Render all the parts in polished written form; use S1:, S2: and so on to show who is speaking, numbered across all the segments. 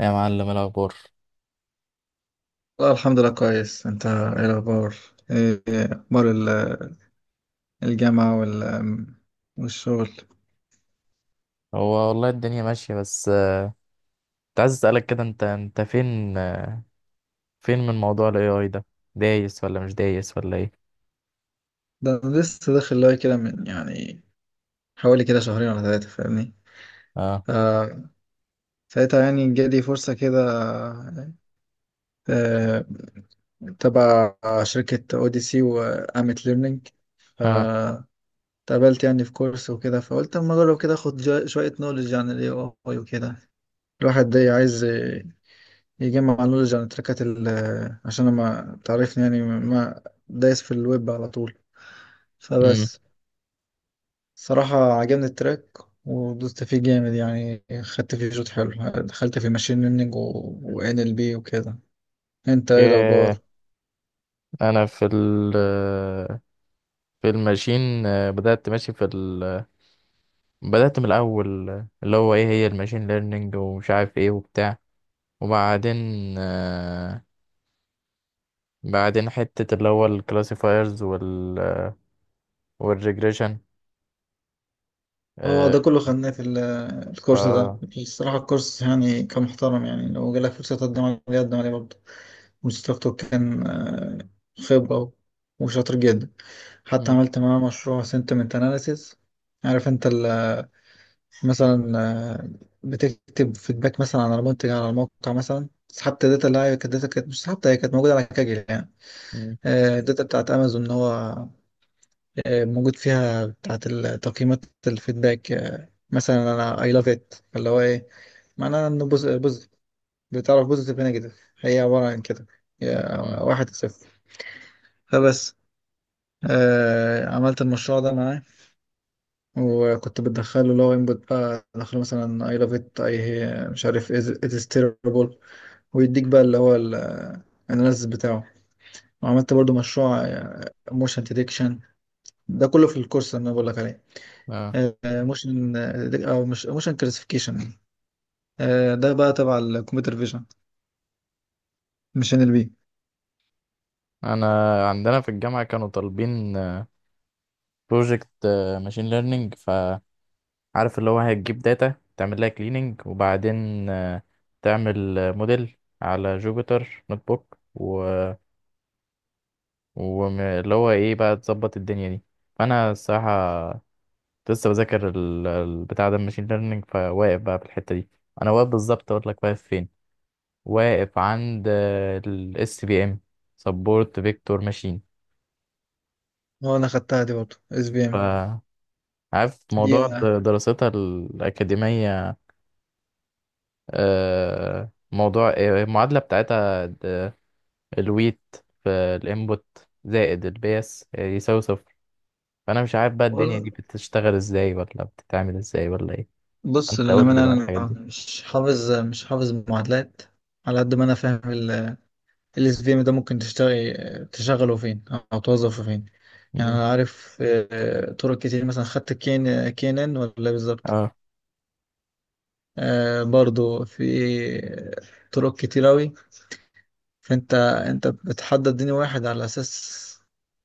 S1: يا معلم، إيه الاخبار؟
S2: والله الحمد لله كويس. انت ايه الاخبار؟ ايه اخبار الجامعة والشغل؟
S1: هو والله الدنيا ماشيه. بس كنت عايز اسالك كده، انت فين فين من موضوع الاي اي ده؟ دايس ولا مش دايس ولا ايه؟
S2: ده أنا لسه داخل لاي كده من يعني حوالي كده شهرين ولا ثلاثة، فاهمني؟
S1: اه،
S2: ف- ساعتها يعني جالي فرصة كده، آه، تبع شركة اوديسي وامت ليرنينج،
S1: اه.
S2: فاتقابلت يعني في كورس وكده. فقلت اما اجرب كده اخد شوية نولج عن الاي اي وكده. الواحد ده عايز يجمع نولج عن التراكات عشان ما تعرفني يعني ما دايس في الويب على طول.
S1: امم.
S2: فبس، صراحة عجبني التراك ودوست فيه جامد، يعني خدت فيه شوط حلو. دخلت في ماشين ليرنينج و ان ال بي وكده. انت ايه
S1: ايه،
S2: الاخبار؟
S1: انا في ال- في الماشين، بدات ماشي في ال- بدات من الاول. اللي هو ايه هي الماشين ليرنينج، ومش عارف ايه وبتاع. وبعدين آه، بعدين حته اللي هو الكلاسيفايرز وال- والريجريشن.
S2: اه، ده كله خدناه في
S1: ف-
S2: الكورس ده. الصراحة الكورس يعني كان محترم، يعني لو جالك فرصة تقدم عليه قدم عليه برضه. المستر كان خبرة وشاطر جدا. حتى
S1: مم.
S2: عملت معاه مشروع sentiment analysis. عارف انت مثلا بتكتب فيدباك مثلا على منتج على الموقع. مثلا سحبت الداتا اللي هي كانت داتا، كانت مش سحبتها، هي كانت موجودة على كاجل يعني.
S1: مم.
S2: الداتا بتاعت امازون اللي هو موجود فيها بتاعت تقييمات الفيدباك. مثلا انا اي لاف ات، اللي هو ايه؟ معناها انه بوزيتيف. بتعرف بوزيتيف نيجاتيف هي عبارة عن كده، هي
S1: مم.
S2: واحد صفر. فبس، عملت المشروع ده معاه. وكنت بدخله لو انبوت، بقى ادخله مثلا اي لاف ات اي مش عارف ات از تيربل، ويديك بقى اللي هو الاناليسيس بتاعه. وعملت برضو مشروع موشن ديتكشن، ده كله في الكورس اللي انا بقول لك عليه.
S1: آه.
S2: موشن، او مش موشن، كلاسيفيكيشن، ده بقى تبع الكمبيوتر فيجن، مش ان ال بي.
S1: انا عندنا في الجامعه كانوا طالبين بروجكت ماشين ليرنينج، فعارف اللي هو هتجيب داتا، تعمل لها كليننج، وبعدين تعمل موديل على جوبيتر نوت بوك، و... واللي هو ايه بقى تظبط الدنيا دي. فانا الصراحه لسه بذاكر البتاع ده الماشين ليرنينج، فواقف بقى في الحته دي. انا واقف بالظبط، اقول لك واقف فين، واقف عند الاس بي ام، سبورت فيكتور ماشين.
S2: هو انا خدتها دي برضو اس بي ام
S1: عارف
S2: دي
S1: موضوع دراستها الأكاديمية، موضوع المعادلة بتاعتها الويت في الانبوت زائد البيس يساوي صفر. فأنا مش عارف بقى الدنيا دي
S2: وال-
S1: بتشتغل ازاي، ولا بتتعمل ازاي ولا ايه.
S2: بص
S1: انت قول لي
S2: للأمانة،
S1: بقى الحاجات
S2: أنا
S1: دي.
S2: مش حافظ معادلات. على قد ما أنا فاهم، ال اس في ام ده ممكن تشتغل، تشغله فين او توظفه فين؟ يعني
S1: مم.
S2: انا عارف طرق كتير، مثلا خدت كين كينن ولا إيه بالظبط.
S1: اه.
S2: برضو في طرق كتير اوي. فانت انت بتحدد دين واحد على اساس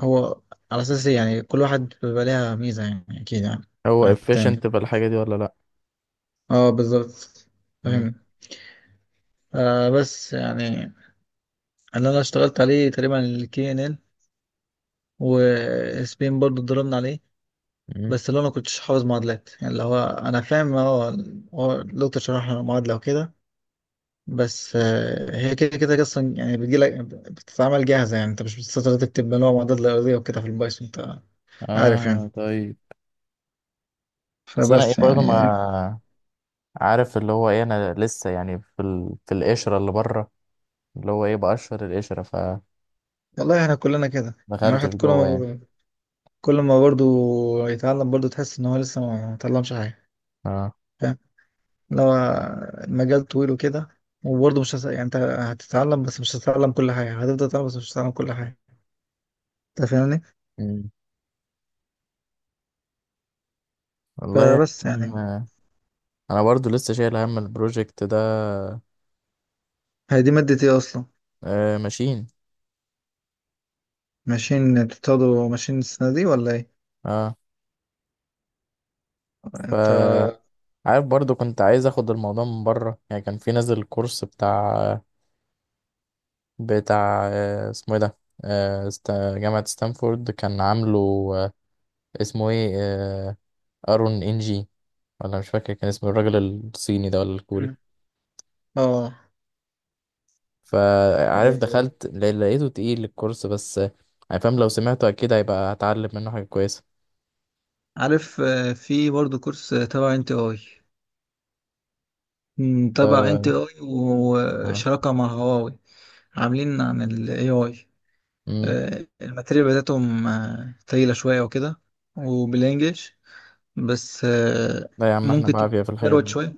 S2: هو، على اساس إيه؟ يعني كل واحد بيبقى ليها ميزة يعني، اكيد يعني على
S1: هو
S2: التاني.
S1: efficient في الحاجة دي ولا لأ؟
S2: اه بالظبط.
S1: مم.
S2: فاهم. آه بس يعني اللي انا اشتغلت عليه تقريبا الكي ان ال وسبين برضو ضربنا عليه.
S1: مم.
S2: بس اللي انا كنتش حافظ معادلات. يعني اللي هو انا فاهم، هو الدكتور شرح لنا المعادله وكده. بس هي كده كده اصلا، يعني بتجي لك بتتعمل جاهزه. يعني انت مش بتستطيع تكتب اللي هو معادلات الارضيه وكده في البايثون، انت عارف يعني.
S1: اه، طيب. بس انا ايه
S2: فبس
S1: برضه
S2: يعني
S1: ما عارف اللي هو ايه، انا لسه يعني في ال- في القشرة اللي بره، اللي هو ايه بقشر القشرة، ف
S2: والله احنا كلنا كده. يعني
S1: دخلتش
S2: الواحد كل
S1: جوه يعني.
S2: ما كل ما برضه يتعلم برضه تحس ان هو لسه ما اتعلمش حاجه،
S1: اه.
S2: فاهم؟ اللي هو المجال طويل وكده، وبرضه مش يعني انت هتتعلم بس مش هتتعلم كل حاجه، هتفضل تتعلم بس مش هتتعلم كل حاجه، انت فاهمني؟
S1: مم. والله يعني
S2: فبس
S1: كان
S2: يعني.
S1: انا برضو لسه شايل هم البروجكت ده.
S2: هي دي مادة ايه اصلا؟
S1: آه، ماشين.
S2: ماشين؟ بتاخدوا ماشين السنة دي ولا ايه؟
S1: اه.
S2: انت.
S1: ف عارف، برضو كنت عايز اخد الموضوع من بره، يعني كان في نازل كورس بتاع اسمه ايه ده، جامعة ستانفورد كان عامله. آه اسمه ايه، ارون انجي، ولا مش فاكر كان اسمه الراجل الصيني ده ولا الكوري.
S2: مم. اه
S1: فعارف
S2: آه،
S1: دخلت لقيته تقيل الكورس، بس يعني فاهم لو سمعته اكيد هيبقى هتعلم منه حاجة كويسة.
S2: عارف في برضه كورس تبع انت اي، مم، تبع انت
S1: آه،
S2: اي
S1: اه.
S2: وشراكة مع هواوي، عاملين عن الاي اي.
S1: امم.
S2: الماتيريال بتاعتهم تقيلة شوية وكده، وبالانجلش. بس
S1: لا يا عم، احنا
S2: ممكن
S1: بعافية في الحاجات
S2: تتكروت
S1: دي.
S2: شوية.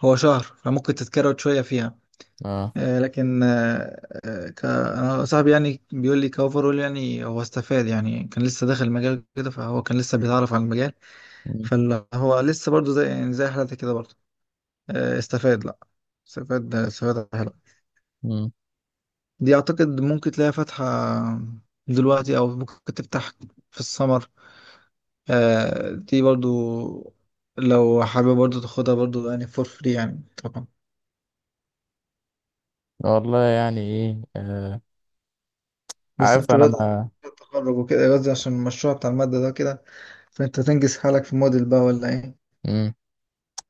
S2: هو شهر فممكن تتكروت شوية فيها.
S1: اه.
S2: لكن أنا صاحبي يعني بيقول لي كأوفرول يعني هو استفاد. يعني كان لسه داخل المجال كده، فهو كان لسه بيتعرف على المجال،
S1: مم.
S2: فهو لسه برضو زي يعني زي حالتك كده برضو. استفاد لا، استفاد حلو.
S1: مم.
S2: دي أعتقد ممكن تلاقي فاتحة دلوقتي أو ممكن تفتح في السمر. دي برضو لو حابب برضو تاخدها برضو، يعني فور فري يعني طبعا.
S1: والله يعني ايه، آه.
S2: بس
S1: عارف
S2: انت
S1: انا
S2: بدأت
S1: ما-
S2: التخرج وكده، قصدي عشان المشروع بتاع المادة ده كده، فانت تنجز حالك في موديل بقى ولا ايه؟
S1: امم.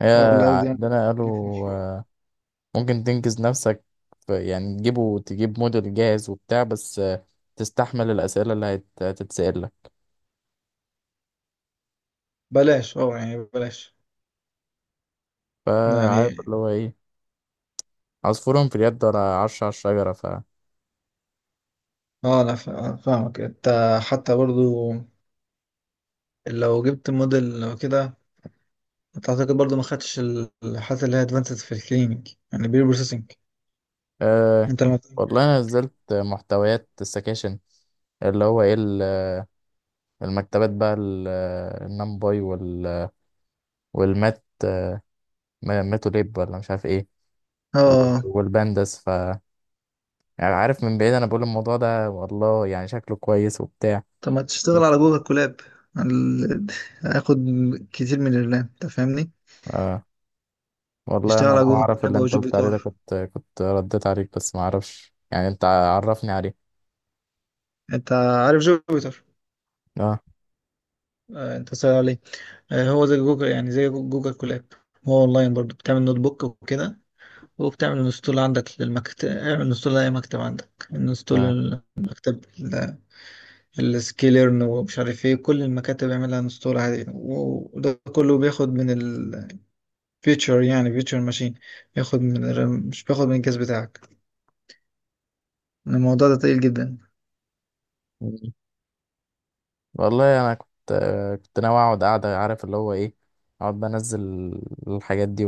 S1: هي
S2: ولا قصدي يعني
S1: عندنا قالوا
S2: ليك في مشروع؟
S1: آه. ممكن تنجز نفسك يعني تجيب موديل جاهز وبتاع، بس تستحمل الأسئلة اللي هتتسأل لك.
S2: بلاش، اه يعني بلاش
S1: فعارف
S2: يعني.
S1: اللي هو ايه، عصفور في اليد ولا عرش على الشجرة. ف
S2: اه انا فاهمك انت. حتى برضو لو جبت موديل لو كده، انت اعتقد برضو ما خدتش الحاجات اللي هي ادفانسد في الكلينيك، يعني بير بروسيسنج.
S1: آه.
S2: انت لما
S1: والله انا نزلت محتويات السكاشن، اللي هو ايه المكتبات بقى، النمباي، والمات ماتوا ليب ولا مش عارف ايه،
S2: اه
S1: والبانداس. ف يعني عارف، من بعيد انا بقول الموضوع ده والله يعني شكله كويس وبتاع.
S2: طب ما تشتغل
S1: بس.
S2: على جوجل كولاب. ال- هياخد كتير من الرام انت فاهمني.
S1: آه، والله
S2: تشتغل
S1: انا لو
S2: على جوجل
S1: اعرف اللي
S2: كولاب او
S1: انت قلت عليه ده
S2: جوبيتار.
S1: كنت رديت عليك، بس ما اعرفش يعني. انت عرفني عليه.
S2: انت عارف جوبيتر؟
S1: اه.
S2: انت سأل عليه. هو زي جوجل يعني زي جوجل كولاب. هو اونلاين برضو، بتعمل نوت بوك وكده. وبتعمل انستول عندك للمكتب، اعمل انستول لاي مكتب عندك انستول.
S1: اه.
S2: المكتب السكيلرن ومش عارف ايه، كل المكاتب يعملها انستول عادي. وده كله بياخد من الفيتشر، يعني فيتشر ماشين، بياخد من مش بياخد من الجهاز بتاعك. الموضوع ده تقيل جدا.
S1: مم. والله انا كنت كنت ناوي اقعد قاعده، عارف اللي هو ايه، اقعد بنزل الحاجات دي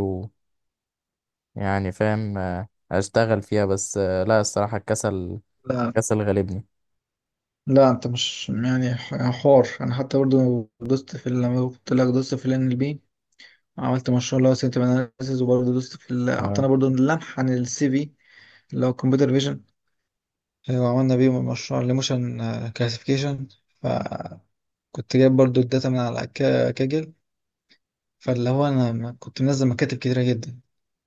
S1: ويعني فاهم اشتغل فيها، بس لا الصراحه الكسل، الكسل غالبني.
S2: لا انت مش يعني حوار. انا حتى برضو دوست في لما قلت لك دوست في ال NLP، عملت مشروع اللي هو سيمتوم اناليسيس. وبرضه دوست في اعطانا
S1: اه.
S2: برضه لمح عن السي في، اللي هو كمبيوتر فيجن. وعملنا بيه مشروع الايموشن كلاسيفيكيشن. فكنت جايب برضه الداتا من على كاجل. فاللي هو انا كنت منزل مكاتب كتيرة جدا،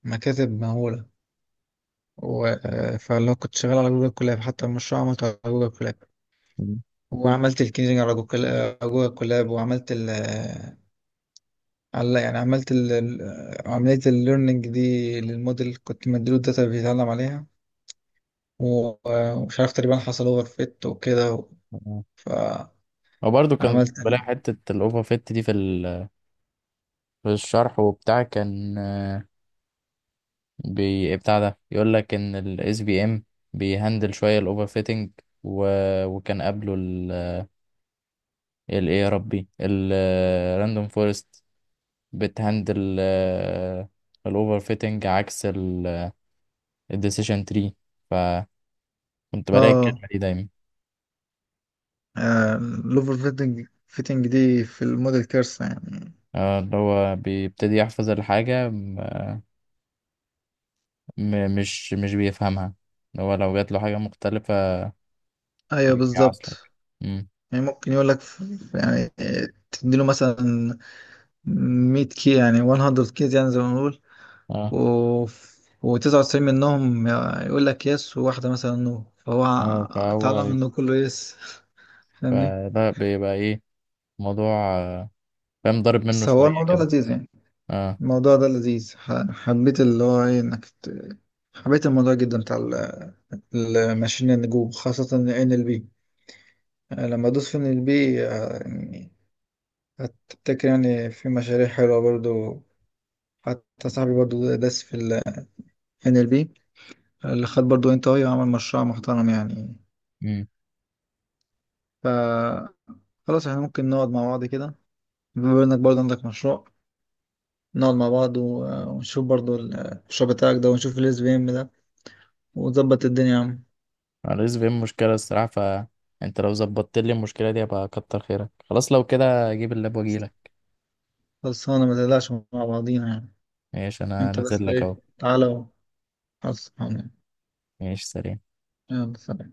S2: مكاتب مهولة فاللي هو كنت شغال على جوجل كولاب، حتى المشروع عملته على جوجل كولاب. وعملت الكينجنج على جوجل، على جوجل كولاب. وعملت على يعني عملت عملية الليرنينج دي للموديل، كنت مديله الداتا اللي بيتعلم عليها و- ومش عارف تقريبا حصل اوفر فيت وكده و...
S1: مم. وبرضه كان
S2: فعملت
S1: بلاقي حتة الأوفر فيت دي في ال- في الشرح وبتاع. كان بي بتاع ده يقول لك إن ال SBM بيهندل شوية الأوفر فيتنج. و... وكان قبله ال إيه يا ربي، ال راندوم فورست بتهندل الأوفر فيتنج عكس ال الديسيشن تري. فكنت بلاقي
S2: اه.
S1: الكلمة دي دايما.
S2: الاوفر فيتنج دي في الموديل كارثة يعني.
S1: اللي هو بيبتدي يحفظ الحاجة مش بيفهمها، اللي هو لو جات له حاجة مختلفة
S2: ايوه
S1: جميع أصلا.
S2: بالظبط.
S1: امم.
S2: يعني ممكن يقول لك يعني تديله مثلا 100 كي، يعني 100 كيز يعني زي ما بنقول،
S1: اه.
S2: و و99 منهم يقول لك يس، وواحدة مثلا نو، فهو
S1: اه،
S2: اتعلم
S1: فهو.
S2: انه كله يس، فاهمني؟
S1: يبقى ده بيبقى ايه؟ موضوع آه، فاهم ضارب منه
S2: بس هو
S1: شوية
S2: الموضوع
S1: كده.
S2: لذيذ يعني.
S1: اه.
S2: الموضوع ده لذيذ، حبيت اللي هو ايه انك حبيت الموضوع جدا بتاع الماشين النجوم، خاصة ان ال بي. لما ادوس في ان ال بي يعني، هتفتكر يعني في مشاريع حلوة برضو. حتى صاحبي برضو داس في ال ان ال بي، اللي خد برضو انت اي وعمل مشروع محترم يعني.
S1: امم.
S2: ف خلاص احنا ممكن نقعد مع بعض كده، بما انك برضو عندك مشروع، نقعد مع بعض ونشوف برضو المشروع بتاعك ده، ونشوف الاس بي ام وظبط الدنيا يا عم.
S1: الرزق فيه مشكلة الصراحة، فانت لو ظبطت لي المشكلة دي هبقى كتر خيرك. خلاص، لو كده اجيب اللاب واجيلك.
S2: خلصانة، ما تقلقش، مع بعضينا يعني.
S1: ماشي، انا
S2: انت
S1: نازل
S2: بس
S1: لك
S2: ايه،
S1: اهو.
S2: تعالى، وخلصانة.
S1: ماشي، سلام.
S2: يلا سلام.